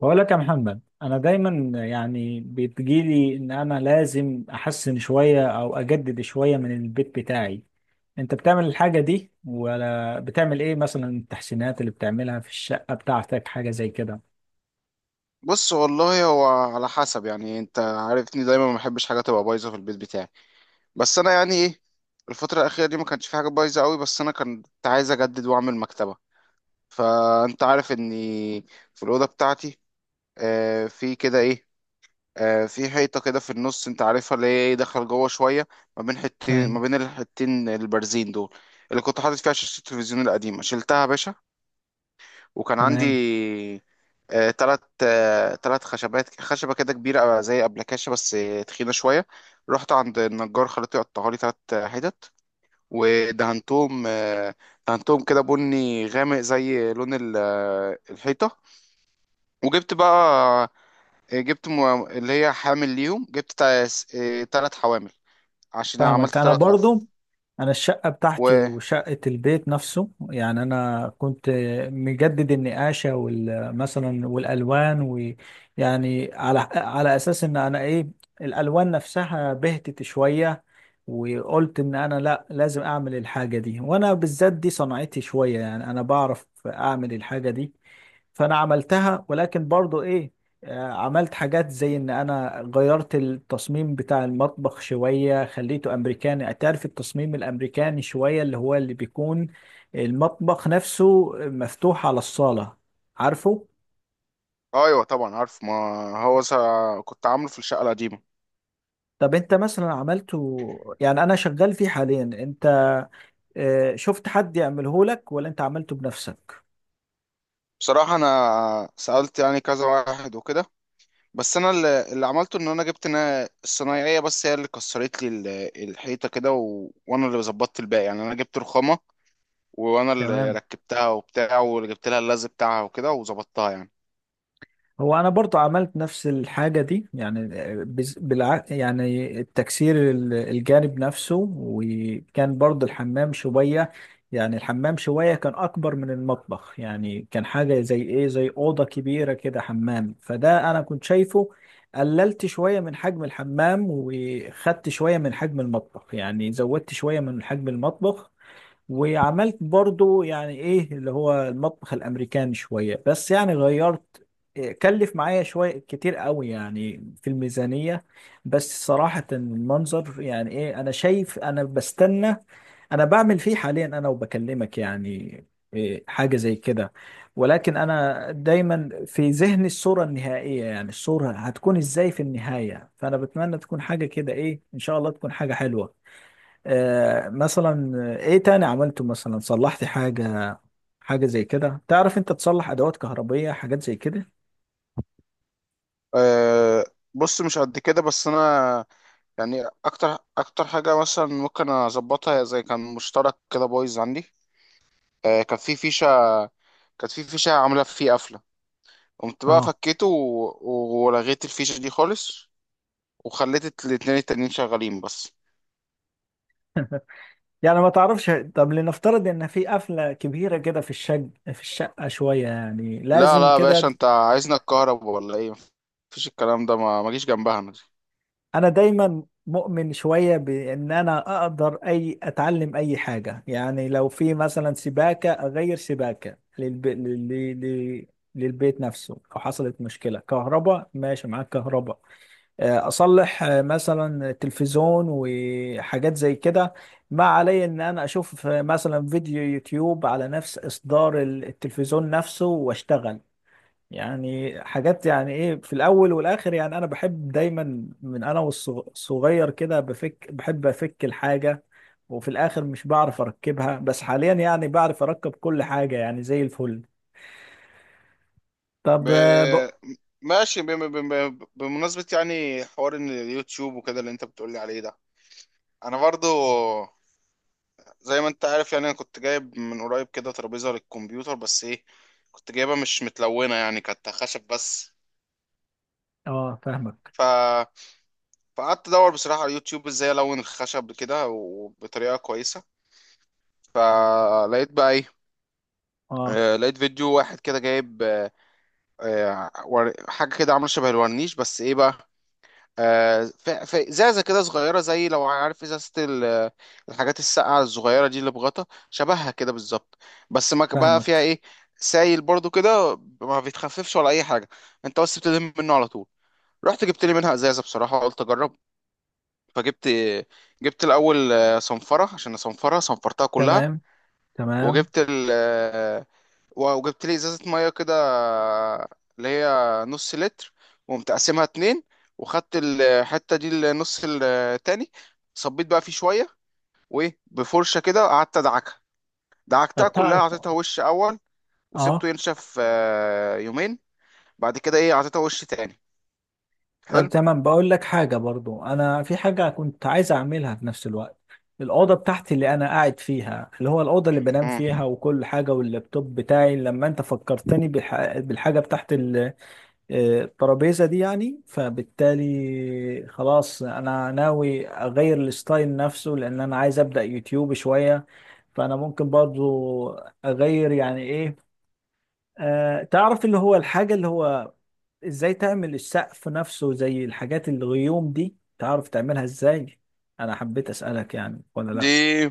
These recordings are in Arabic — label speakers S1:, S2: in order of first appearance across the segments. S1: بقول لك يا محمد، انا دايما يعني بتجيلي ان انا لازم احسن شوية او اجدد شوية من البيت بتاعي. انت بتعمل الحاجة دي ولا بتعمل ايه؟ مثلا التحسينات اللي بتعملها في الشقة بتاعتك، حاجة زي كده؟
S2: بص، والله هو على حسب، يعني انت عارفني دايما ما بحبش حاجه تبقى بايظه في البيت بتاعي. بس انا يعني ايه، الفتره الاخيره دي ما كانش في حاجه بايظه قوي، بس انا كنت عايز اجدد واعمل مكتبه. فانت عارف اني في الاوضه بتاعتي، في كده ايه، في حيطه كده في النص، انت عارفها، اللي هي ايه، دخل جوه شويه ما بين حتتين،
S1: فاهم.
S2: ما بين الحتتين البارزين دول، اللي كنت حاطط فيها شاشه التلفزيون القديمه، شلتها يا باشا. وكان عندي
S1: تمام.
S2: تلات خشبات خشبة كده كبيرة زي أبلكاشة، بس تخينة شوية. رحت عند النجار خليته يقطعها لي تلات حتت. ودهنتهم آه، دهنتهم كده بني غامق زي لون الحيطة. وجبت بقى، جبت اللي هي حامل ليهم، جبت تلات حوامل، عشان أنا
S1: فاهمك
S2: عملت
S1: انا
S2: تلات
S1: برضو.
S2: أرفف.
S1: انا الشقه بتاعتي
S2: و
S1: وشقه البيت نفسه، يعني انا كنت مجدد النقاشه مثلا والالوان، ويعني على اساس ان انا ايه، الالوان نفسها بهتت شويه، وقلت ان انا لا لازم اعمل الحاجه دي، وانا بالذات دي صنعتي شويه، يعني انا بعرف اعمل الحاجه دي. فانا عملتها، ولكن برضو ايه، عملت حاجات زي ان انا غيرت التصميم بتاع المطبخ شوية، خليته امريكاني. تعرف التصميم الامريكاني شوية، اللي هو اللي بيكون المطبخ نفسه مفتوح على الصالة، عارفه.
S2: أيوة طبعا عارف، ما هو كنت عامله في الشقة القديمة.
S1: طب انت مثلا عملته؟ يعني انا شغال فيه حاليا. انت شفت حد يعمله لك ولا انت عملته بنفسك؟
S2: بصراحة أنا سألت يعني كذا واحد وكده، بس أنا اللي عملته إن أنا جبت، أنا الصنايعية بس هي اللي كسرت لي الحيطة كده، و... وأنا اللي ظبطت الباقي يعني، أنا جبت رخامة وأنا اللي
S1: تمام.
S2: ركبتها وبتاع، وجبت لها اللزق بتاعها وكده وظبطتها يعني.
S1: هو انا برضو عملت نفس الحاجه دي يعني، يعني التكسير الجانب نفسه، وكان برضو الحمام شويه، يعني الحمام شويه كان اكبر من المطبخ، يعني كان حاجه زي ايه، زي اوضه كبيره كده حمام، فده انا كنت شايفه. قللت شويه من حجم الحمام، وخدت شويه من حجم المطبخ، يعني زودت شويه من حجم المطبخ، وعملت برضو يعني ايه اللي هو المطبخ الامريكاني شوية، بس يعني غيرت. إيه، كلف معايا شوية كتير قوي يعني في الميزانية، بس صراحة المنظر يعني ايه، انا شايف انا بستنى. انا بعمل فيه حاليا، انا وبكلمك يعني إيه، حاجة زي كده. ولكن انا دايما في ذهني الصورة النهائية، يعني الصورة هتكون ازاي في النهاية. فانا بتمنى تكون حاجة كده ايه، ان شاء الله تكون حاجة حلوة. مثلا ايه تاني عملته؟ مثلا صلحت حاجة، حاجة زي كده؟ تعرف انت تصلح ادوات كهربية، حاجات زي كده؟
S2: أه. بص، مش قد كده، بس أنا يعني أكتر أكتر حاجة مثلا ممكن أظبطها، هي زي كان مشترك كده بايظ عندي. أه، كانت في فيشة عاملة فيه قفلة، قمت بقى
S1: اه.
S2: فكيته ولغيت الفيشة دي خالص، وخليت الاتنين التانيين شغالين بس.
S1: يعني ما تعرفش، طب لنفترض ان في قفلة كبيرة كده في في الشقة شوية، يعني
S2: لا
S1: لازم
S2: لا يا
S1: كده.
S2: باشا، انت عايزنا الكهرب ولا ايه؟ مفيش الكلام ده، ما جيش جنبها انا دي.
S1: انا دايما مؤمن شوية بان انا اقدر اتعلم اي حاجة، يعني لو في مثلا سباكة اغير سباكة للبيت نفسه، او حصلت مشكلة كهرباء، ماشي معاك كهرباء، اصلح مثلا تلفزيون وحاجات زي كده. ما علي ان انا اشوف مثلا فيديو يوتيوب على نفس اصدار التلفزيون نفسه واشتغل. يعني حاجات، يعني ايه، في الاول والاخر يعني انا بحب دايما، من انا والصغير كده، بحب افك الحاجة، وفي الاخر مش بعرف اركبها. بس حاليا يعني بعرف اركب كل حاجة، يعني زي الفل.
S2: ب...
S1: طب اه،
S2: ماشي، بمناسبة يعني حوار ان اليوتيوب وكده اللي انت بتقولي عليه ده، انا برضو زي ما انت عارف يعني، انا كنت جايب من قريب كده ترابيزة للكمبيوتر، بس ايه، كنت جايبها مش متلونة يعني، كانت خشب بس.
S1: فاهمك.
S2: فقعدت ادور بصراحه على اليوتيوب ازاي الون الخشب كده وبطريقه كويسه، فلقيت بقى ايه،
S1: اه.
S2: لقيت فيديو واحد كده جايب حاجه كده عامله شبه الورنيش، بس ايه بقى، ازازه كده صغيره، زي لو عارف ازازه الحاجات الساقعه الصغيره دي اللي بغطا شبهها كده بالظبط، بس ما ك- بقى فيها
S1: فاهمك.
S2: ايه، سايل برضو كده ما بيتخففش ولا اي حاجه، انت بس بتلم منه على طول. رحت جبت لي منها ازازه، بصراحه قلت اجرب، فجبت، جبت الاول صنفره عشان اصنفرها، صنفرتها كلها.
S1: تمام. تمام.
S2: وجبت ال آه، وجبت لي ازازه ميه كده، اللي هي نص لتر، وقمت قاسمها اتنين، وخدت الحته دي النص التاني، صبيت بقى فيه شويه، وايه بفرشه كده قعدت ادعكها، دعكتها
S1: طب
S2: كلها،
S1: تعرف.
S2: اعطيتها وش اول، وسبته
S1: اه.
S2: ينشف يومين، بعد كده ايه اعطيتها وش تاني،
S1: طب
S2: حلو.
S1: تمام، بقول لك حاجة برضو. انا في حاجة كنت عايز اعملها في نفس الوقت. الأوضة بتاعتي اللي أنا قاعد فيها، اللي هو الأوضة اللي بنام فيها
S2: مم.
S1: وكل حاجة، واللابتوب بتاعي، لما أنت فكرتني بالحاجة بتاعت الترابيزة دي يعني، فبالتالي خلاص أنا ناوي أغير الستايل نفسه، لأن أنا عايز أبدأ يوتيوب شوية. فأنا ممكن برضو أغير يعني إيه، تعرف اللي هو الحاجة اللي هو ازاي تعمل السقف نفسه زي الحاجات الغيوم دي، تعرف تعملها ازاي؟ انا حبيت اسألك يعني، ولا لا؟
S2: دي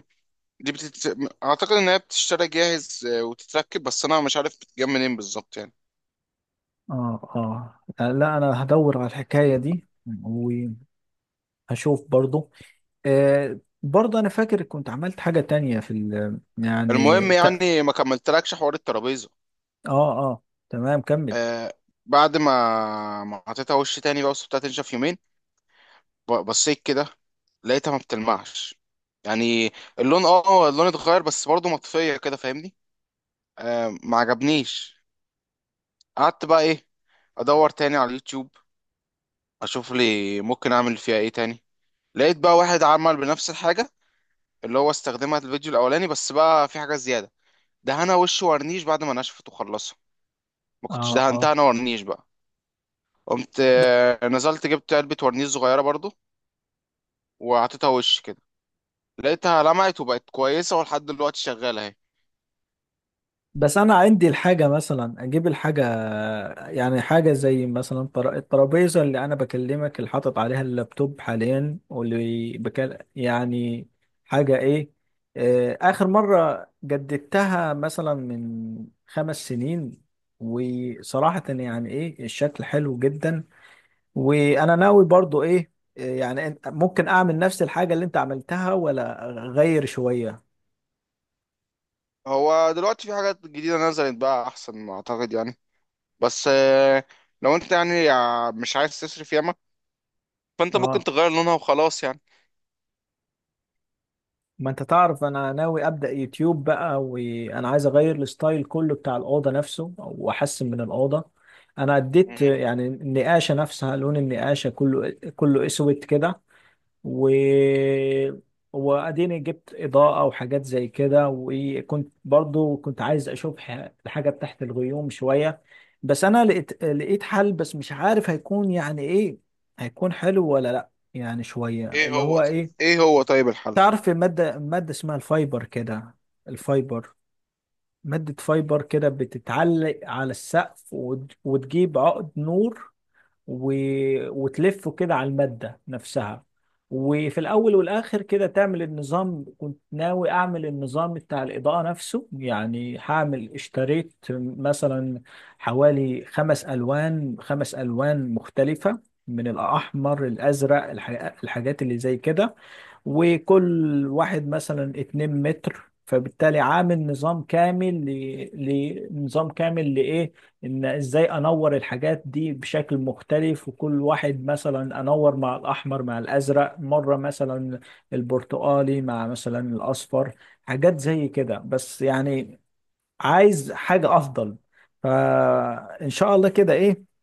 S2: دي بتت... اعتقد ان هي بتشتري جاهز وتتركب، بس انا مش عارف بتتجاب منين بالظبط يعني.
S1: اه. اه. لا انا هدور على الحكاية دي وهشوف برضو. آه، برضو انا فاكر كنت عملت حاجة تانية في يعني
S2: المهم
S1: اه.
S2: يعني ما كملتلكش حوار الترابيزه.
S1: اه، تمام، كمل.
S2: آه بعد ما حطيتها وش تاني بقى، وسبتها تنشف يومين، بصيت كده لقيتها ما بتلمعش يعني، اللون اه آه، اللون اتغير، بس برضه مطفيه كده فاهمني. ما عجبنيش. قعدت بقى ايه، ادور تاني على اليوتيوب، اشوف لي ممكن اعمل فيها ايه تاني، لقيت بقى واحد عمل بنفس الحاجه، اللي هو استخدمها في الفيديو الاولاني، بس بقى في حاجه زياده، دهنها وش ورنيش بعد ما نشفت وخلصها، ما كنتش
S1: اه.
S2: دهنتها
S1: اه.
S2: انا ورنيش بقى. قمت نزلت جبت علبة ورنيش صغيرة برضو، وحطيتها وش كده، لقيتها لمعت وبقت كويسة ولحد دلوقتي شغالة اهي.
S1: بس انا عندي الحاجه مثلا اجيب الحاجه، يعني حاجه زي مثلا الترابيزه اللي انا بكلمك اللي حاطط عليها اللابتوب حاليا، واللي يعني حاجه ايه، اخر مره جددتها مثلا من 5 سنين، وصراحه يعني ايه الشكل حلو جدا. وانا ناوي برضو ايه، يعني ممكن اعمل نفس الحاجه اللي انت عملتها، ولا اغير شويه؟
S2: هو دلوقتي في حاجات جديدة نزلت بقى أحسن ما أعتقد يعني، بس لو أنت يعني مش عايز تصرف ياما، فأنت ممكن
S1: اه،
S2: تغير لونها وخلاص يعني.
S1: ما انت تعرف انا ناوي ابدا يوتيوب بقى، وانا عايز اغير الستايل كله بتاع الاوضه نفسه، واحسن من الاوضه. انا اديت
S2: مم.
S1: يعني النقاشه نفسها، لون النقاشه كله، كله اسود كده. و واديني جبت اضاءه وحاجات زي كده. وكنت برضو كنت عايز اشوف الحاجه تحت الغيوم شويه. بس انا لقيت حل، بس مش عارف هيكون يعني ايه، هيكون حلو ولا لا، يعني شويه
S2: ايه
S1: اللي
S2: هو
S1: هو
S2: طيب
S1: ايه.
S2: ايه هو طيب الحل؟
S1: تعرف مادة اسمها الفايبر كده، الفايبر. مادة فايبر كده بتتعلق على السقف، وتجيب عقد نور، و... وتلفه كده على المادة نفسها، وفي الأول والآخر كده تعمل النظام. كنت ناوي أعمل النظام بتاع الإضاءة نفسه. يعني هعمل، اشتريت مثلا حوالي خمس ألوان مختلفة، من الأحمر، الأزرق، الحاجات اللي زي كده. وكل واحد مثلا 2 متر، فبالتالي عامل نظام كامل لنظام كامل لإيه، إزاي أنور الحاجات دي بشكل مختلف، وكل واحد مثلا أنور مع الأحمر مع الأزرق مرة، مثلا البرتقالي مع مثلا الأصفر، حاجات زي كده، بس يعني عايز حاجة أفضل. فإن شاء الله كده إيه،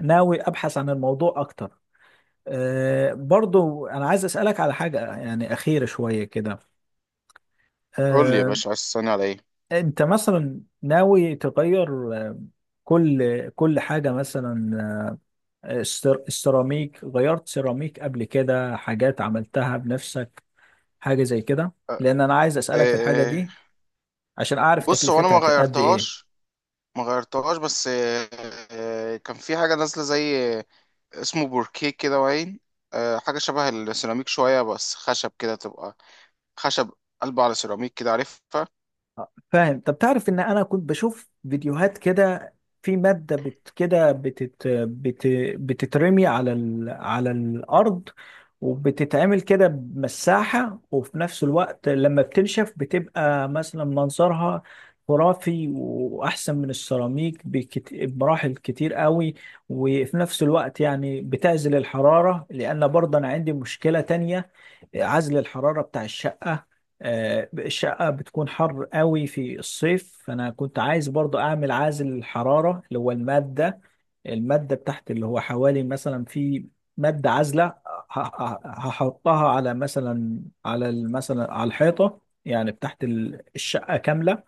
S1: ناوي أبحث عن الموضوع أكتر. أه، برضو أنا عايز أسألك على حاجة يعني أخيرة شوية كده.
S2: قول لي يا
S1: أه.
S2: باشا عايز تسألني على ايه؟
S1: أنت مثلا ناوي تغير كل حاجة مثلا، السيراميك، غيرت سيراميك قبل كده، حاجات عملتها بنفسك، حاجة زي كده؟
S2: آه،
S1: لأن أنا عايز
S2: آه،
S1: أسألك في الحاجة
S2: آه،
S1: دي، عشان أعرف
S2: بص هو انا
S1: تكلفتها قد إيه.
S2: ما غيرتهاش بس كان في حاجة نازلة زي، اسمه بوركيه كده وعين، حاجة شبه السيراميك شوية بس خشب كده تبقى خشب قلب على سيراميك كده عارفها.
S1: فاهم. طب تعرف ان انا كنت بشوف فيديوهات كده، في مادة كده بتترمي على الارض، وبتتعمل كده بمساحة، وفي نفس الوقت لما بتنشف بتبقى مثلا منظرها خرافي، واحسن من السيراميك بمراحل كتير قوي. وفي نفس الوقت يعني بتعزل الحرارة، لان برضه انا عندي مشكلة تانية، عزل الحرارة بتاع الشقة. الشقة بتكون حر قوي في الصيف، فأنا كنت عايز برضو أعمل عازل الحرارة، اللي هو المادة، المادة بتاعت اللي هو حوالي مثلا، في مادة عازلة هحطها على، مثلا على مثلا على الحيطة يعني بتاعت الشقة كاملة.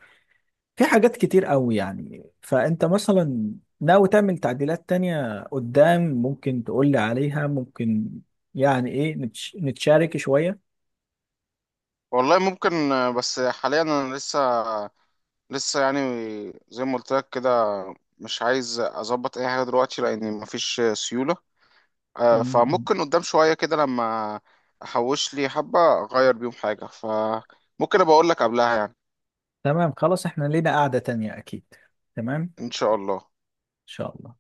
S1: في حاجات كتير قوي يعني. فأنت مثلا ناوي تعمل تعديلات تانية قدام، ممكن تقولي عليها؟ ممكن يعني إيه، نتشارك شوية.
S2: والله ممكن، بس حاليا أنا لسه يعني، زي ما قلت لك كده، مش عايز أظبط أي حاجة دلوقتي لأن مفيش سيولة.
S1: م- م.
S2: فممكن قدام شوية كده، لما أحوش لي حبة أغير بيهم حاجة، فممكن أبقى أقول لك قبلها يعني،
S1: تمام، خلاص احنا لينا قعدة تانية اكيد. تمام، ان
S2: إن شاء الله.
S1: شاء الله.